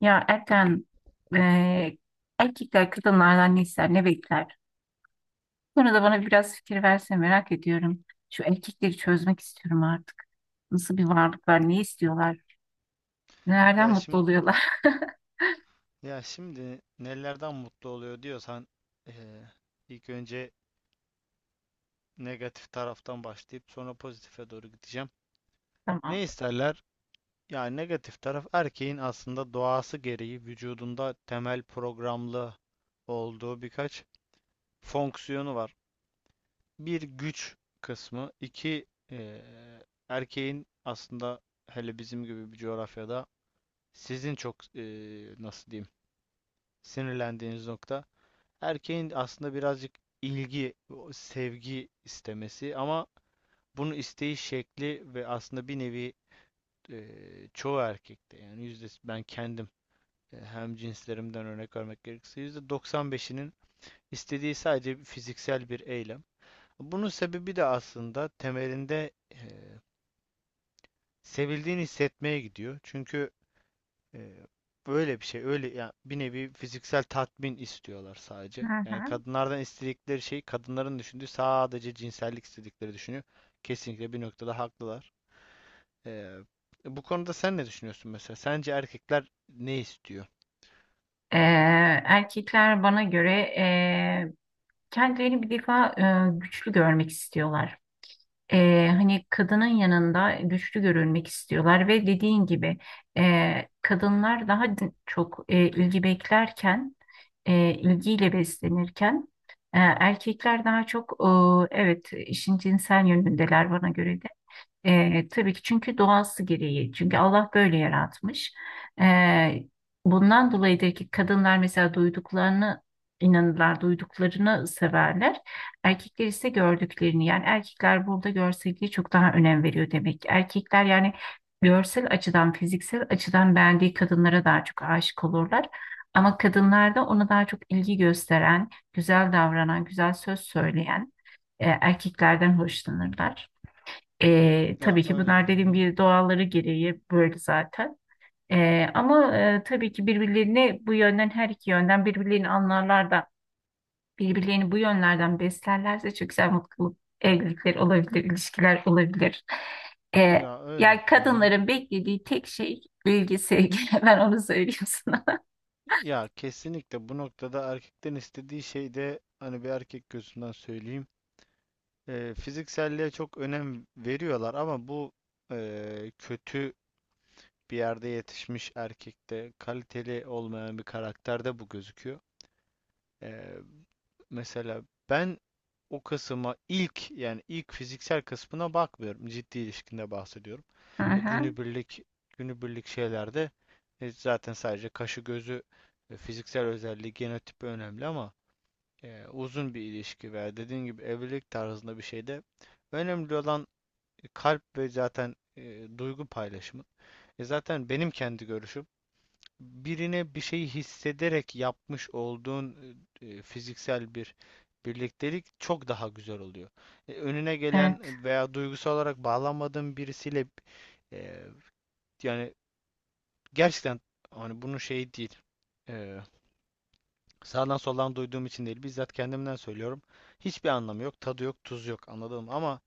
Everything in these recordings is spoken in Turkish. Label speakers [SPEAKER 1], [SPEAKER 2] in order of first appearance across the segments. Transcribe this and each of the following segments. [SPEAKER 1] Ya Erkan, eee, erkekler kadınlardan ne ister, ne bekler? Sonra da bana biraz fikir verse merak ediyorum. Şu erkekleri çözmek istiyorum artık. Nasıl bir varlıklar, ne istiyorlar, nelerden
[SPEAKER 2] Ya
[SPEAKER 1] mutlu
[SPEAKER 2] şimdi
[SPEAKER 1] oluyorlar?
[SPEAKER 2] ya şimdi nelerden mutlu oluyor diyorsan eee, ilk önce negatif taraftan başlayıp sonra pozitife doğru gideceğim.
[SPEAKER 1] Tamam.
[SPEAKER 2] Ne isterler? Yani negatif taraf erkeğin aslında doğası gereği vücudunda temel programlı olduğu birkaç fonksiyonu var. Bir güç kısmı, iki eee, erkeğin aslında hele bizim gibi bir coğrafyada sizin çok nasıl diyeyim, sinirlendiğiniz nokta erkeğin aslında birazcık ilgi, sevgi istemesi, ama bunu isteği şekli ve aslında bir nevi çoğu erkekte yani yüzde ben kendim, hem cinslerimden örnek vermek gerekirse %95'inin istediği sadece fiziksel bir eylem. Bunun sebebi de aslında temelinde sevildiğini hissetmeye gidiyor. Çünkü e, böyle bir şey, öyle ya, bir nevi fiziksel tatmin istiyorlar
[SPEAKER 1] Hı
[SPEAKER 2] sadece. Yani
[SPEAKER 1] hı.
[SPEAKER 2] kadınlardan istedikleri şey, kadınların düşündüğü sadece cinsellik istedikleri düşünüyor. Kesinlikle bir noktada haklılar. E, Bu konuda sen ne düşünüyorsun mesela? Sence erkekler ne istiyor?
[SPEAKER 1] Eee, Erkekler bana göre e, kendilerini bir defa güçlü görmek istiyorlar. Hani kadının yanında güçlü görülmek istiyorlar ve dediğin gibi kadınlar daha çok ilgi beklerken, ilgiyle beslenirken erkekler daha çok evet işin cinsel yönündeler bana göre de. Tabii ki çünkü doğası gereği. Çünkü Allah böyle yaratmış. E, Bundan dolayıdır ki kadınlar mesela duyduklarını inanırlar, duyduklarını severler. Erkekler ise gördüklerini. Yani erkekler burada görselliğe çok daha önem veriyor demek ki. Erkekler yani görsel açıdan, fiziksel açıdan beğendiği kadınlara daha çok aşık olurlar. Ama kadınlarda ona daha çok ilgi gösteren, güzel davranan, güzel söz söyleyen erkeklerden hoşlanırlar.
[SPEAKER 2] Ya
[SPEAKER 1] Tabii ki
[SPEAKER 2] öyle. Hı
[SPEAKER 1] bunlar dediğim
[SPEAKER 2] hı.
[SPEAKER 1] gibi doğalları gereği böyle zaten. Tabii ki birbirlerini bu yönden her iki yönden birbirlerini anlarlar da birbirlerini bu yönlerden beslerlerse çok güzel mutluluk evlilikler olabilir, ilişkiler olabilir. Ee,
[SPEAKER 2] Ya öyle.
[SPEAKER 1] Yani
[SPEAKER 2] Hı hı.
[SPEAKER 1] kadınların beklediği tek şey ilgi, sevgi. Ben onu söylüyorum sana.
[SPEAKER 2] Ya kesinlikle bu noktada erkekten istediği şey de, hani bir erkek gözünden söyleyeyim, fizikselliğe çok önem veriyorlar ama bu kötü bir yerde yetişmiş erkekte, kaliteli olmayan bir karakterde bu gözüküyor. E, Mesela ben o kısma ilk, yani ilk fiziksel kısmına bakmıyorum. Ciddi ilişkinde bahsediyorum.
[SPEAKER 1] Hı
[SPEAKER 2] E,
[SPEAKER 1] hı,
[SPEAKER 2] Günübirlik günübirlik şeylerde zaten sadece kaşı gözü, fiziksel özelliği, genotipi önemli, ama uzun bir ilişki veya dediğin gibi evlilik tarzında bir şeyde önemli olan kalp ve zaten duygu paylaşımı. Zaten benim kendi görüşüm, birine bir şeyi hissederek yapmış olduğun fiziksel bir birliktelik çok daha güzel oluyor. Önüne
[SPEAKER 1] evet.
[SPEAKER 2] gelen veya duygusal olarak bağlanmadığın birisiyle e, yani gerçekten, hani bunun şeyi değil. Ee, Sağdan soldan duyduğum için değil. Bizzat kendimden söylüyorum. Hiçbir anlamı yok. Tadı yok. Tuzu yok. Anladım ama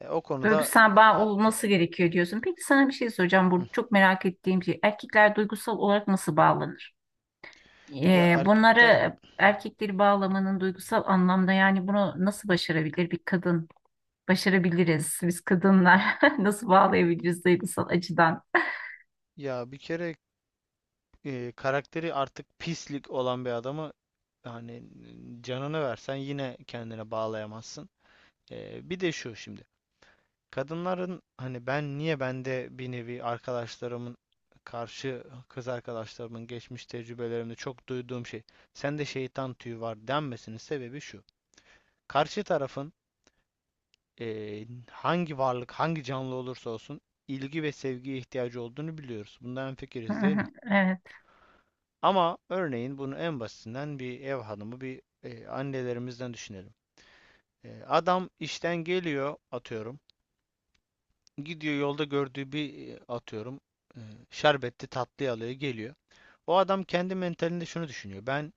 [SPEAKER 2] o konuda,
[SPEAKER 1] Duygusal bağ
[SPEAKER 2] ya,
[SPEAKER 1] olması gerekiyor diyorsun. Peki sana bir şey soracağım. Burada çok merak ettiğim şey. Erkekler duygusal olarak nasıl bağlanır?
[SPEAKER 2] ya erkekler,
[SPEAKER 1] Bunları erkekleri bağlamanın duygusal anlamda yani bunu nasıl başarabilir bir kadın? Başarabiliriz. Biz kadınlar nasıl bağlayabiliriz duygusal açıdan?
[SPEAKER 2] ya bir kere karakteri artık pislik olan bir adamı, hani canını versen yine kendine bağlayamazsın. Bir de şu şimdi. Kadınların, hani ben niye, bende bir nevi arkadaşlarımın, karşı kız arkadaşlarımın geçmiş tecrübelerimde çok duyduğum şey, sende şeytan tüyü var denmesinin sebebi şu. Karşı tarafın, hangi varlık hangi canlı olursa olsun, ilgi ve sevgiye ihtiyacı olduğunu biliyoruz. Bundan
[SPEAKER 1] Hı
[SPEAKER 2] hemfikiriz değil mi?
[SPEAKER 1] hı, evet.
[SPEAKER 2] Ama örneğin bunu en basitinden bir ev hanımı, bir annelerimizden düşünelim. Adam işten geliyor, atıyorum. Gidiyor yolda gördüğü bir, atıyorum e, şerbetli tatlı alıyor, geliyor. O adam kendi mentalinde şunu düşünüyor: ben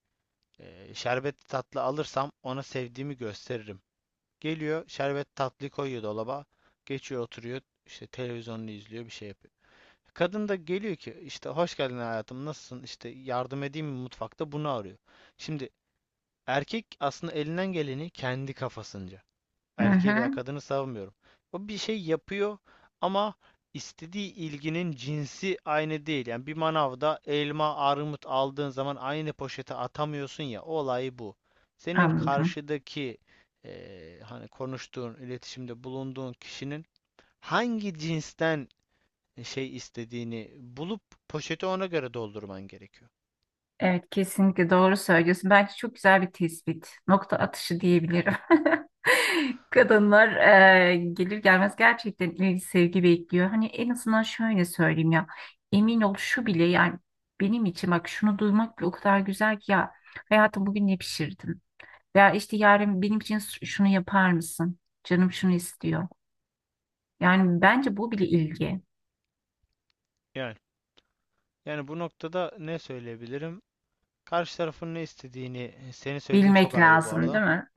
[SPEAKER 2] şerbetli tatlı alırsam ona sevdiğimi gösteririm. Geliyor şerbet tatlıyı koyuyor dolaba. Geçiyor oturuyor, işte televizyonunu izliyor, bir şey yapıyor. Kadın da geliyor ki işte hoş geldin hayatım, nasılsın, işte yardım edeyim mi mutfakta, bunu arıyor. Şimdi erkek aslında elinden geleni kendi kafasınca,
[SPEAKER 1] Hı
[SPEAKER 2] erkeği veya
[SPEAKER 1] hı,
[SPEAKER 2] kadını savunmuyorum, o bir şey yapıyor, ama istediği ilginin cinsi aynı değil. Yani bir manavda elma, armut aldığın zaman aynı poşete atamıyorsun ya, olay bu. Senin
[SPEAKER 1] anladım.
[SPEAKER 2] karşıdaki hani konuştuğun, iletişimde bulunduğun kişinin hangi cinsten şey istediğini bulup poşeti ona göre doldurman gerekiyor.
[SPEAKER 1] Evet kesinlikle doğru söylüyorsun. Bence çok güzel bir tespit. Nokta atışı diyebilirim. Kadınlar gelir gelmez gerçekten ilgi sevgi bekliyor. Hani en azından şöyle söyleyeyim ya. Emin ol şu bile yani benim için bak şunu duymak bile o kadar güzel ki ya, hayatım bugün ne pişirdin? Veya işte yarın benim için şunu yapar mısın? Canım şunu istiyor. Yani bence bu bile ilgi.
[SPEAKER 2] Yani yani bu noktada ne söyleyebilirim? Karşı tarafın ne istediğini, senin söylediğin çok
[SPEAKER 1] Bilmek
[SPEAKER 2] ayrı bu
[SPEAKER 1] lazım
[SPEAKER 2] arada.
[SPEAKER 1] değil mi?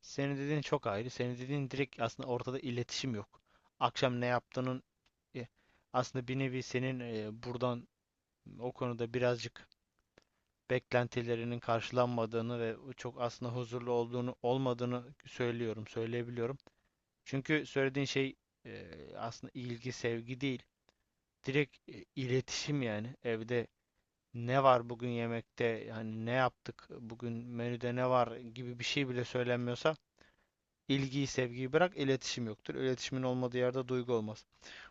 [SPEAKER 2] Senin dediğin çok ayrı. Senin dediğin direkt, aslında ortada iletişim yok. Akşam ne yaptığının e, aslında bir nevi senin buradan o konuda birazcık beklentilerinin karşılanmadığını ve o çok aslında huzurlu olduğunu olmadığını söylüyorum, söyleyebiliyorum. Çünkü söylediğin şey e, aslında ilgi, sevgi değil. Direkt iletişim yani. Evde ne var bugün yemekte, yani ne yaptık bugün, menüde ne var gibi bir şey bile söylenmiyorsa, İlgiyi, sevgiyi bırak, iletişim yoktur. İletişimin olmadığı yerde duygu olmaz.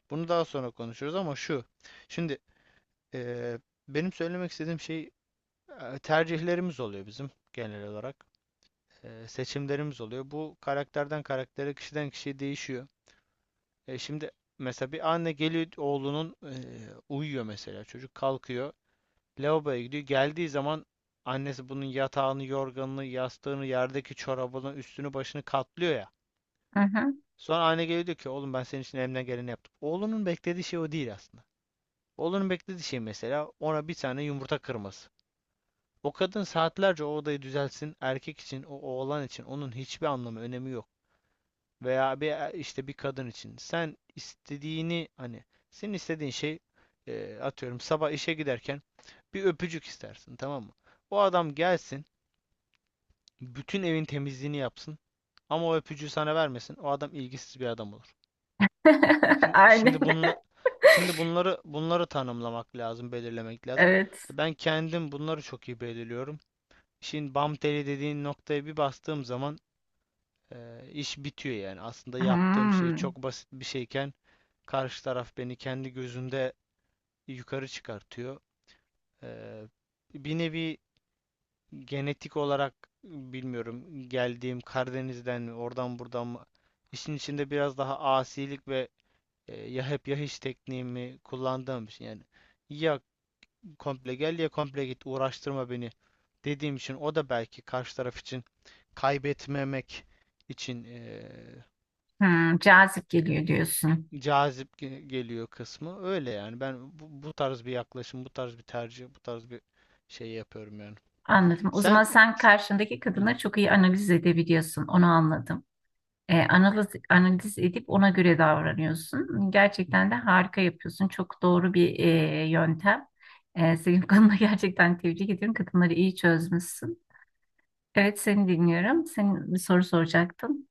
[SPEAKER 2] Bunu daha sonra konuşuruz ama şu. Şimdi eee, benim söylemek istediğim şey, tercihlerimiz oluyor bizim genel olarak. Seçimlerimiz oluyor. Bu karakterden karaktere, kişiden kişiye değişiyor. Şimdi mesela bir anne geliyor, oğlunun uyuyor mesela çocuk, kalkıyor. Lavaboya gidiyor. Geldiği zaman annesi bunun yatağını, yorganını, yastığını, yerdeki çorabını, üstünü, başını katlıyor ya.
[SPEAKER 1] Hı hı.
[SPEAKER 2] Sonra anne geliyor diyor ki oğlum ben senin için elimden geleni yaptım. Oğlunun beklediği şey o değil aslında. Oğlunun beklediği şey mesela ona bir tane yumurta kırması. O kadın saatlerce o odayı düzelsin. Erkek için, o oğlan için onun hiçbir anlamı, önemi yok. Veya bir işte bir kadın için. Sen istediğini, hani senin istediğin şey, atıyorum sabah işe giderken bir öpücük istersin, tamam mı? O adam gelsin, bütün evin temizliğini yapsın ama o öpücüğü sana vermesin. O adam ilgisiz bir adam olur. Şimdi,
[SPEAKER 1] Aynen.
[SPEAKER 2] şimdi bunla, şimdi bunları tanımlamak lazım, belirlemek lazım.
[SPEAKER 1] Evet.
[SPEAKER 2] Ben kendim bunları çok iyi belirliyorum. İşin bam teli dediğin noktaya bir bastığım zaman e, iş bitiyor yani. Aslında yaptığım şey
[SPEAKER 1] Hmm.
[SPEAKER 2] çok basit bir şeyken karşı taraf beni kendi gözünde yukarı çıkartıyor. E, Bir nevi genetik olarak, bilmiyorum, geldiğim Karadeniz'den mi, oradan buradan mı, işin içinde biraz daha asilik ve, ya hep ya hiç tekniğimi kullandığım için, yani ya komple gel ya komple git, uğraştırma beni dediğim için, o da belki karşı taraf için kaybetmemek için
[SPEAKER 1] Hmm, cazip geliyor diyorsun.
[SPEAKER 2] cazip geliyor kısmı. Öyle yani, ben bu tarz bir yaklaşım, bu tarz bir tercih, bu tarz bir şey yapıyorum yani.
[SPEAKER 1] Anladım. O zaman
[SPEAKER 2] Sen.
[SPEAKER 1] sen karşındaki
[SPEAKER 2] Hı.
[SPEAKER 1] kadını çok iyi analiz edebiliyorsun. Onu anladım. Analiz edip ona göre davranıyorsun. Gerçekten de harika yapıyorsun. Çok doğru bir yöntem. Senin konuda gerçekten tebrik ediyorum. Kadınları iyi çözmüşsün. Evet seni dinliyorum. Senin bir soru soracaktın.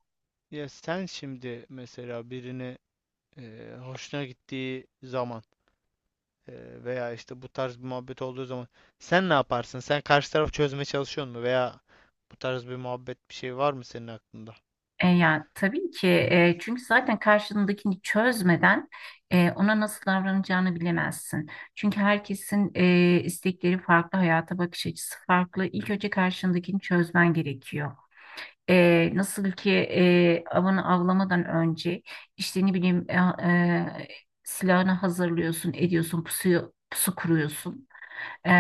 [SPEAKER 2] Ya sen şimdi mesela birini hoşuna gittiği zaman, veya işte bu tarz bir muhabbet olduğu zaman sen ne yaparsın? Sen karşı tarafı çözmeye çalışıyor mu? Veya bu tarz bir muhabbet, bir şey var mı senin aklında?
[SPEAKER 1] Ya tabii ki çünkü zaten karşındakini çözmeden ona nasıl davranacağını bilemezsin. Çünkü herkesin istekleri farklı, hayata bakış açısı farklı. İlk önce karşındakini çözmen gerekiyor. Nasıl ki avını avlamadan önce işte ne bileyim e, silahını hazırlıyorsun, ediyorsun, pusu kuruyorsun. E,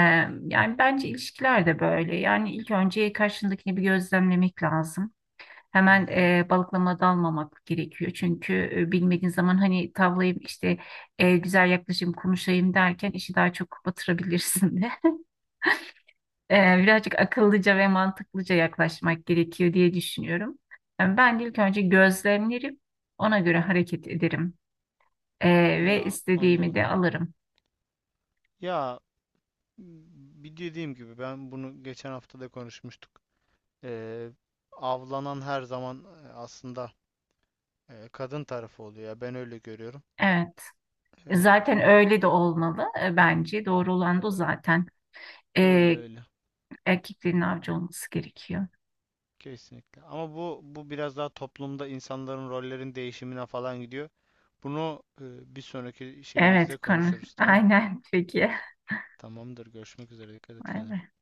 [SPEAKER 1] Yani bence ilişkiler de böyle. Yani ilk önce karşındakini bir gözlemlemek lazım.
[SPEAKER 2] Hı
[SPEAKER 1] Hemen
[SPEAKER 2] hı.
[SPEAKER 1] balıklama dalmamak gerekiyor. Çünkü bilmediğin zaman hani tavlayayım işte güzel yaklaşayım konuşayım derken işi daha çok batırabilirsin de. Birazcık akıllıca ve mantıklıca yaklaşmak gerekiyor diye düşünüyorum. Yani ben ilk önce gözlemlerim ona göre hareket ederim. Ee, Ve
[SPEAKER 2] Onu
[SPEAKER 1] istediğimi
[SPEAKER 2] anladım.
[SPEAKER 1] de alırım.
[SPEAKER 2] Ya bir dediğim gibi, ben bunu geçen hafta da konuşmuştuk. Ee, Avlanan her zaman aslında kadın tarafı oluyor ya, ben öyle görüyorum.
[SPEAKER 1] Evet.
[SPEAKER 2] Ee,
[SPEAKER 1] Zaten öyle de olmalı bence. Doğru olan da o zaten.
[SPEAKER 2] öyle
[SPEAKER 1] Ee,
[SPEAKER 2] öyle.
[SPEAKER 1] Erkeklerin avcı olması gerekiyor.
[SPEAKER 2] Kesinlikle. Ama bu biraz daha toplumda insanların rollerin değişimine falan gidiyor. Bunu bir sonraki şeyimizde
[SPEAKER 1] Evet konu.
[SPEAKER 2] konuşuruz, tamam?
[SPEAKER 1] Aynen peki.
[SPEAKER 2] Tamamdır. Görüşmek üzere. Dikkat et
[SPEAKER 1] Vay
[SPEAKER 2] kendine.
[SPEAKER 1] be.